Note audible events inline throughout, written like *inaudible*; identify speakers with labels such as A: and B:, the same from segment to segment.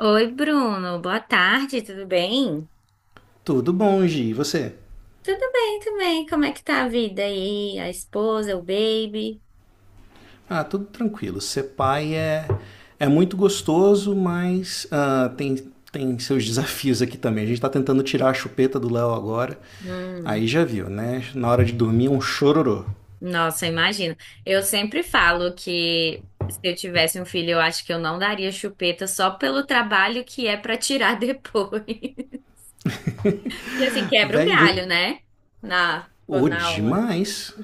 A: Oi, Bruno. Boa tarde, tudo bem?
B: Tudo bom, Gi? E você?
A: Tudo bem também. Como é que tá a vida aí? A esposa, o baby?
B: Ah, tudo tranquilo. Ser pai é muito gostoso, mas tem seus desafios aqui também. A gente está tentando tirar a chupeta do Léo agora.
A: Hum,
B: Aí já viu, né? Na hora de dormir, é um chororô.
A: nossa, imagino. Eu sempre falo que se eu tivesse um filho, eu acho que eu não daria chupeta só pelo trabalho que é pra tirar depois. *laughs* Que assim,
B: *laughs*
A: quebra um
B: Véi, vou.
A: galho, né? Na,
B: Ô,
A: na hora.
B: demais.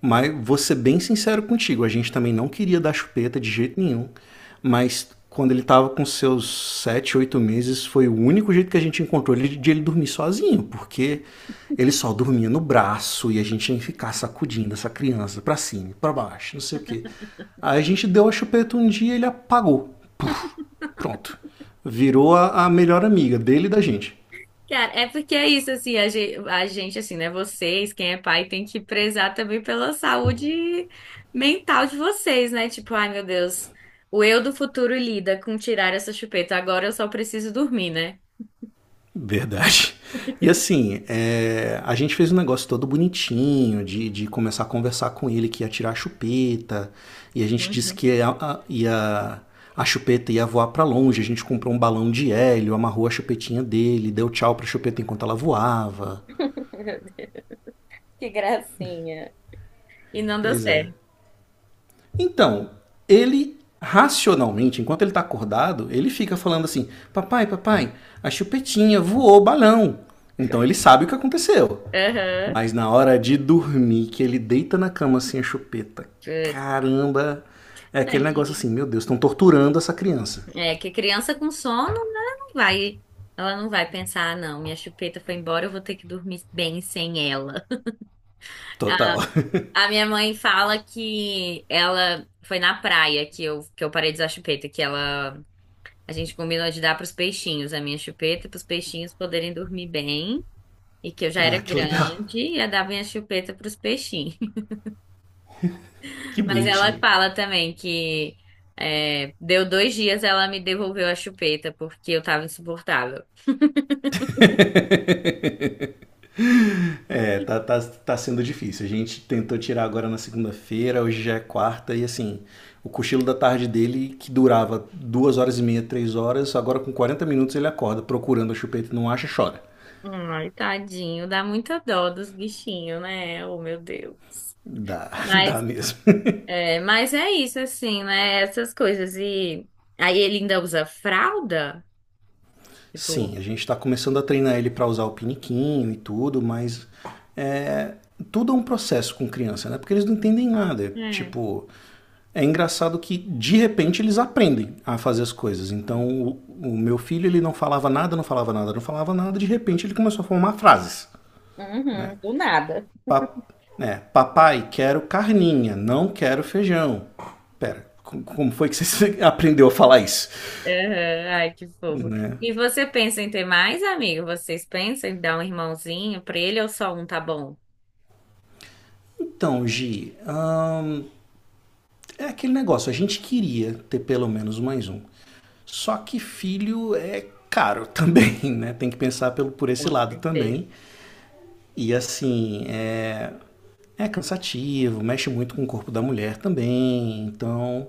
B: Mas vou ser bem sincero contigo, a gente também não queria dar chupeta de jeito nenhum. Mas quando ele estava com seus 7, 8 meses, foi o único jeito que a gente encontrou de ele dormir sozinho, porque ele só dormia no braço e a gente tinha que ficar sacudindo essa criança pra cima, pra baixo, não sei o quê. Aí a gente deu a chupeta um dia e ele apagou. Puf, pronto. Virou a melhor amiga dele e da gente.
A: Cara, é porque é isso, assim, a gente, assim, né? Vocês, quem é pai, tem que prezar também pela saúde mental de vocês, né? Tipo, ai meu Deus, o eu do futuro lida com tirar essa chupeta, agora eu só preciso dormir, né?
B: Verdade. E assim, a gente fez um negócio todo bonitinho, de começar a conversar com ele que ia tirar a chupeta, e a gente disse
A: Uhum.
B: que a chupeta ia voar pra longe, a gente comprou um balão de hélio, amarrou a chupetinha dele, deu tchau pra chupeta enquanto ela voava.
A: *laughs* Que gracinha. E não deu
B: Pois é.
A: certo.
B: Então, ele racionalmente, enquanto ele está acordado, ele fica falando assim: Papai, papai, a chupetinha voou o balão. Então ele sabe o que aconteceu.
A: Aham.
B: Mas na hora de dormir, que ele deita na cama assim a chupeta,
A: Putz.
B: caramba, é
A: É
B: aquele negócio
A: que,
B: assim: Meu Deus, estão torturando essa criança.
A: é que criança com sono, né? Não vai, ela não vai pensar, ah, não, minha chupeta foi embora, eu vou ter que dormir bem sem ela.
B: Total.
A: A minha mãe fala que ela foi na praia que eu parei de usar chupeta, que ela a gente combinou de dar pros peixinhos a minha chupeta para os peixinhos poderem dormir bem e que eu já
B: *laughs*
A: era
B: Ah, que legal.
A: grande e ia dar minha chupeta pros peixinhos. *laughs*
B: Que
A: Mas ela
B: bonitinho.
A: fala também que deu 2 dias ela me devolveu a chupeta porque eu tava insuportável.
B: É, tá, tá, tá sendo difícil. A gente tentou tirar agora na segunda-feira, hoje já é quarta, e assim, o cochilo da tarde dele, que durava 2 horas e meia, 3 horas, agora com 40 minutos ele acorda procurando a chupeta e não acha, chora.
A: Ai, tadinho, dá muita dó dos bichinhos, né? Oh, meu Deus.
B: Dá, *laughs* dá
A: Mas
B: mesmo.
A: Mas é isso, assim, né? Essas coisas. E aí ele ainda usa fralda?
B: Sim,
A: Tipo.
B: a gente tá começando a treinar ele para usar o piniquinho e tudo, mas tudo é um processo com criança, né? Porque eles não entendem nada.
A: É.
B: Tipo, é engraçado que de repente eles aprendem a fazer as coisas. Então, o meu filho, ele não falava nada, não falava nada, não falava nada, de repente ele começou a formar frases, né?
A: Uhum, do nada.
B: Pa- né, papai, quero carninha, não quero feijão. Pera, como foi que você *laughs* aprendeu a falar isso?
A: Aham, ai, que fofo.
B: Né?
A: E você pensa em ter mais, amigo? Vocês pensam em dar um irmãozinho pra ele ou só um tá bom?
B: Então, Gi, é aquele negócio, a gente queria ter pelo menos mais um. Só que filho é caro *laughs* também, né? Tem que pensar pelo, por esse
A: Com
B: lado
A: certeza.
B: também. E assim, é cansativo, mexe muito com o corpo da mulher também. Então,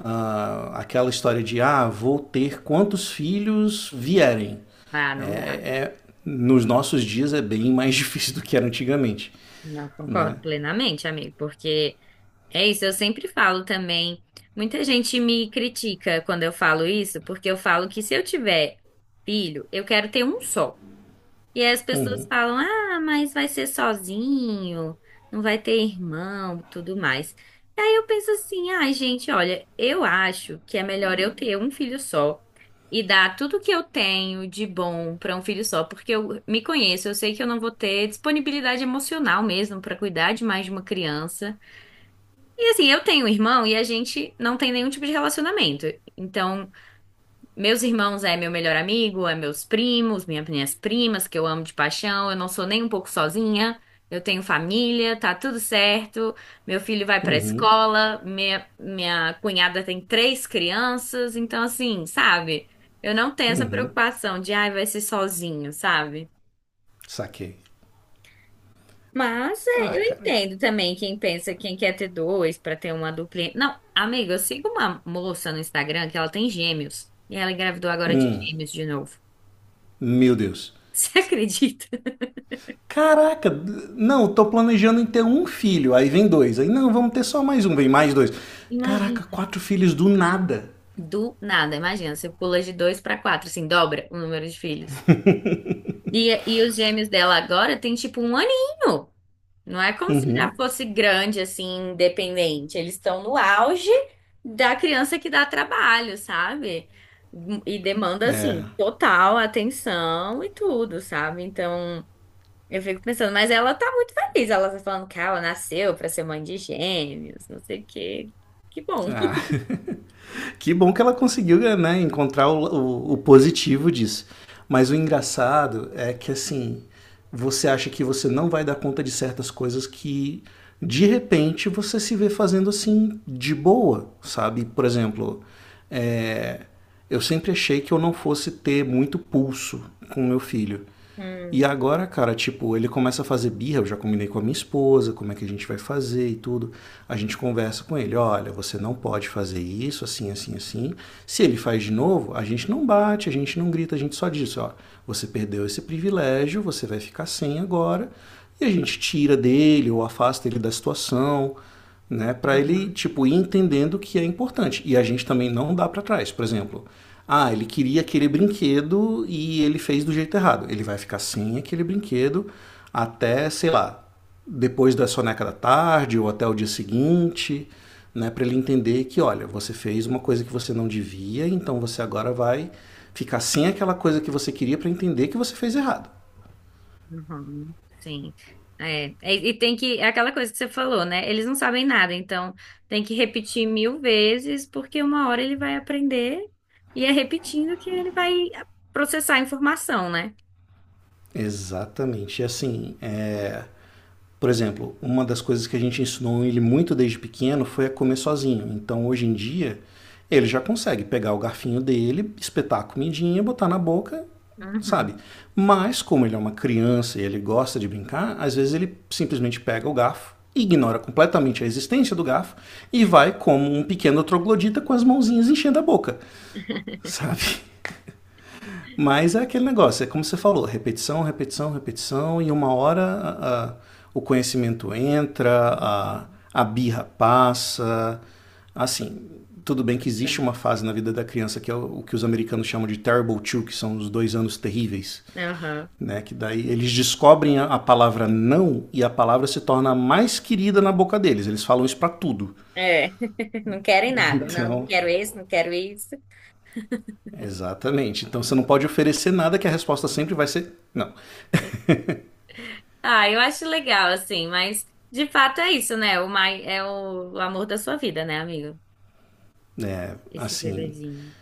B: ah, aquela história de, ah, vou ter quantos filhos vierem.
A: Ah, não dá.
B: Nos nossos dias é bem mais *laughs* difícil do que era antigamente,
A: Não
B: né?
A: concordo plenamente, amigo, porque é isso, eu sempre falo também. Muita gente me critica quando eu falo isso, porque eu falo que se eu tiver filho, eu quero ter um só. E aí as pessoas falam: ah, mas vai ser sozinho, não vai ter irmão, tudo mais. E aí eu penso assim: ai, gente, olha, eu acho que é melhor eu ter um filho só e dar tudo que eu tenho de bom para um filho só, porque eu me conheço, eu sei que eu não vou ter disponibilidade emocional mesmo para cuidar de mais de uma criança. E assim, eu tenho um irmão e a gente não tem nenhum tipo de relacionamento. Então. Meus irmãos é meu melhor amigo, é meus primos, minhas primas, que eu amo de paixão. Eu não sou nem um pouco sozinha. Eu tenho família, tá tudo certo. Meu filho vai pra escola, minha cunhada tem três crianças. Então, assim, sabe? Eu não tenho essa preocupação de, ai, vai ser sozinho, sabe?
B: Saquei.
A: Mas é,
B: Ah,
A: eu
B: cara,
A: entendo também quem pensa, quem quer ter dois pra ter uma duplinha. Não, amiga, eu sigo uma moça no Instagram que ela tem gêmeos. E ela engravidou agora de gêmeos de novo.
B: meu Deus.
A: *laughs* Você acredita?
B: Caraca, não, tô planejando em ter um filho. Aí vem dois. Aí, não, vamos ter só mais um, vem mais dois. Caraca,
A: Imagina.
B: quatro filhos do nada.
A: Do nada, imagina, você pula de dois pra quatro, assim, dobra o número de filhos. E os gêmeos dela agora tem tipo um aninho. Não é como se já fosse grande, assim, independente. Eles estão no auge da criança que dá trabalho, sabe? E demanda, assim, total atenção e tudo, sabe? Então, eu fico pensando, mas ela tá muito feliz. Ela tá falando que ela nasceu pra ser mãe de gêmeos, não sei o quê. Que bom.
B: Ah, *laughs* que bom que ela conseguiu né, encontrar o positivo disso. Mas o engraçado é que assim, você acha que você não vai dar conta de certas coisas que de repente você se vê fazendo assim de boa, sabe? Por exemplo, é, eu sempre achei que eu não fosse ter muito pulso com meu filho. E
A: Hum.
B: agora, cara, tipo, ele começa a fazer birra, eu já combinei com a minha esposa, como é que a gente vai fazer e tudo. A gente conversa com ele, olha, você não pode fazer isso, assim, assim, assim. Se ele faz de novo, a gente não bate, a gente não grita, a gente só diz, ó, você perdeu esse privilégio, você vai ficar sem agora. E a gente tira dele ou afasta ele da situação, né? Para ele
A: Uhum,
B: tipo ir entendendo o que é importante. E a gente também não dá para trás, por exemplo. Ah, ele queria aquele brinquedo e ele fez do jeito errado. Ele vai ficar sem aquele brinquedo até, sei lá, depois da soneca da tarde ou até o dia seguinte, né, para ele entender que, olha, você fez uma coisa que você não devia, então você agora vai ficar sem aquela coisa que você queria para entender que você fez errado.
A: uhum, sim. É, e tem que, é aquela coisa que você falou, né? Eles não sabem nada, então tem que repetir mil vezes, porque uma hora ele vai aprender e é repetindo que ele vai processar a informação, né?
B: Exatamente. E assim, é, por exemplo, uma das coisas que a gente ensinou ele muito desde pequeno foi a comer sozinho. Então, hoje em dia, ele já consegue pegar o garfinho dele, espetar a comidinha, botar na boca, sabe?
A: Uhum,
B: Mas, como ele é uma criança e ele gosta de brincar, às vezes ele simplesmente pega o garfo, ignora completamente a existência do garfo e vai como um pequeno troglodita com as mãozinhas enchendo a boca, sabe? Mas é aquele negócio, é como você falou, repetição, repetição, repetição, e uma hora o conhecimento entra,
A: uhum.
B: a birra passa. Assim, tudo bem que existe
A: Então,
B: uma fase na vida da criança que é o que os americanos chamam de terrible two, que são os 2 anos terríveis.
A: aham.
B: Né, que daí eles descobrem a palavra não e a palavra se torna mais querida na boca deles. Eles falam isso pra tudo.
A: É, *laughs* não querem nada. Não, não
B: Então,
A: quero isso, não quero isso.
B: exatamente. Então você não pode oferecer nada que a resposta sempre vai ser não.
A: Ah, eu acho legal, assim, mas de fato é isso, né? O mais, é o amor da sua vida, né, amigo? Esse
B: Assim,
A: bebezinho.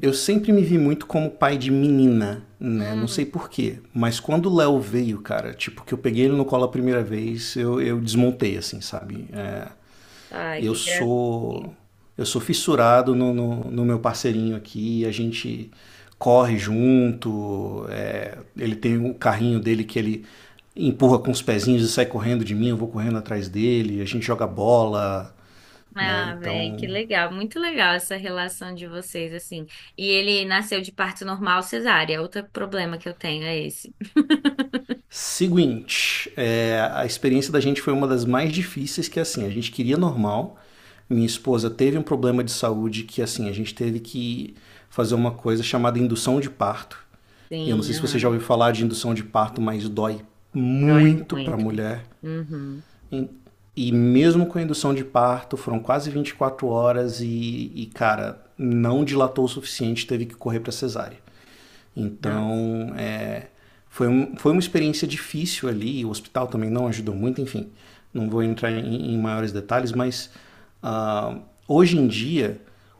B: eu sempre me vi muito como pai de menina, né? Não sei
A: Hum,
B: porquê, mas quando o Léo veio, cara, tipo, que eu peguei ele no colo a primeira vez, eu desmontei, assim, sabe? É,
A: ai,
B: eu
A: que
B: sou. Eu sou fissurado no meu parceirinho aqui, a gente corre junto, ele tem o carrinho dele que ele empurra com os pezinhos e sai correndo de mim, eu vou correndo atrás dele, a gente joga bola, né?
A: Ah, velho, que
B: Então,
A: legal, muito legal essa relação de vocês, assim. E ele nasceu de parto normal cesárea, outro problema que eu tenho é esse.
B: seguinte, a experiência da gente foi uma das mais difíceis, que é assim, a gente queria normal. Minha esposa teve um problema de saúde que assim, a gente teve que fazer uma coisa chamada indução de parto. Eu não
A: Sim,
B: sei se você já
A: aham,
B: ouviu falar de indução de parto, mas dói
A: dói
B: muito para a
A: muito.
B: mulher.
A: Uhum,
B: E- Mesmo com a indução de parto, foram quase 24 horas cara, não dilatou o suficiente, teve que correr para cesárea.
A: nossa.
B: Então, é, foi uma experiência difícil ali, o hospital também não ajudou muito, enfim, não vou entrar em maiores detalhes, mas ah, hoje em dia,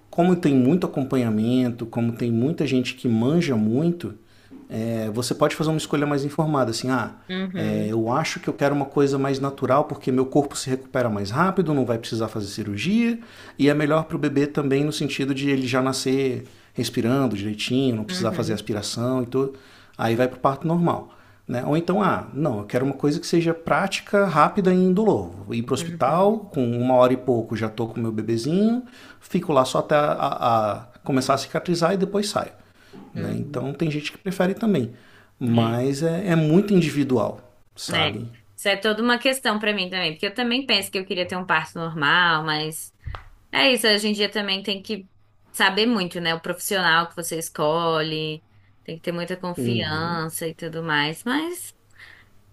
B: como tem muito acompanhamento, como tem muita gente que manja muito, você pode fazer uma escolha mais informada, assim, ah,
A: Uhum,
B: eu acho que eu quero uma coisa mais natural porque meu corpo se recupera mais rápido, não vai precisar fazer cirurgia e é melhor para o bebê também no sentido de ele já nascer respirando direitinho, não precisar fazer
A: uhum,
B: aspiração e tudo. Aí vai para o parto normal. Né? Ou então, ah, não, eu quero uma coisa que seja prática, rápida e indolor. Vou ir para o hospital,
A: uhum,
B: com uma hora e pouco já estou com o meu bebezinho, fico lá só até a começar a cicatrizar e depois saio. Né?
A: uhum.
B: Então tem gente que prefere também.
A: É,
B: Mas é, é muito individual,
A: é.
B: sabe?
A: Isso é toda uma questão pra mim também, porque eu também penso que eu queria ter um parto normal, mas é isso, hoje em dia também tem que saber muito, né? O profissional que você escolhe. Tem que ter muita confiança e tudo mais, mas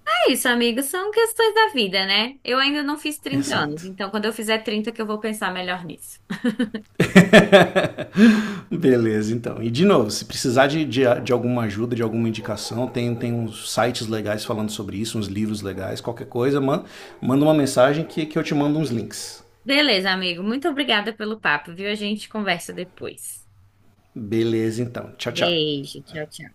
A: É isso, amigo, são questões da vida, né? Eu ainda não fiz 30 anos,
B: Exato.
A: então quando eu fizer 30, que eu vou pensar melhor nisso.
B: Beleza, então. E de novo, se precisar de alguma ajuda, de alguma indicação, tem, uns sites legais falando sobre isso, uns livros legais, qualquer coisa, manda uma mensagem que eu te mando uns links.
A: Beleza, amigo, muito obrigada pelo papo, viu? A gente conversa depois.
B: Beleza, então. Tchau, tchau.
A: Beijo, tchau, tchau.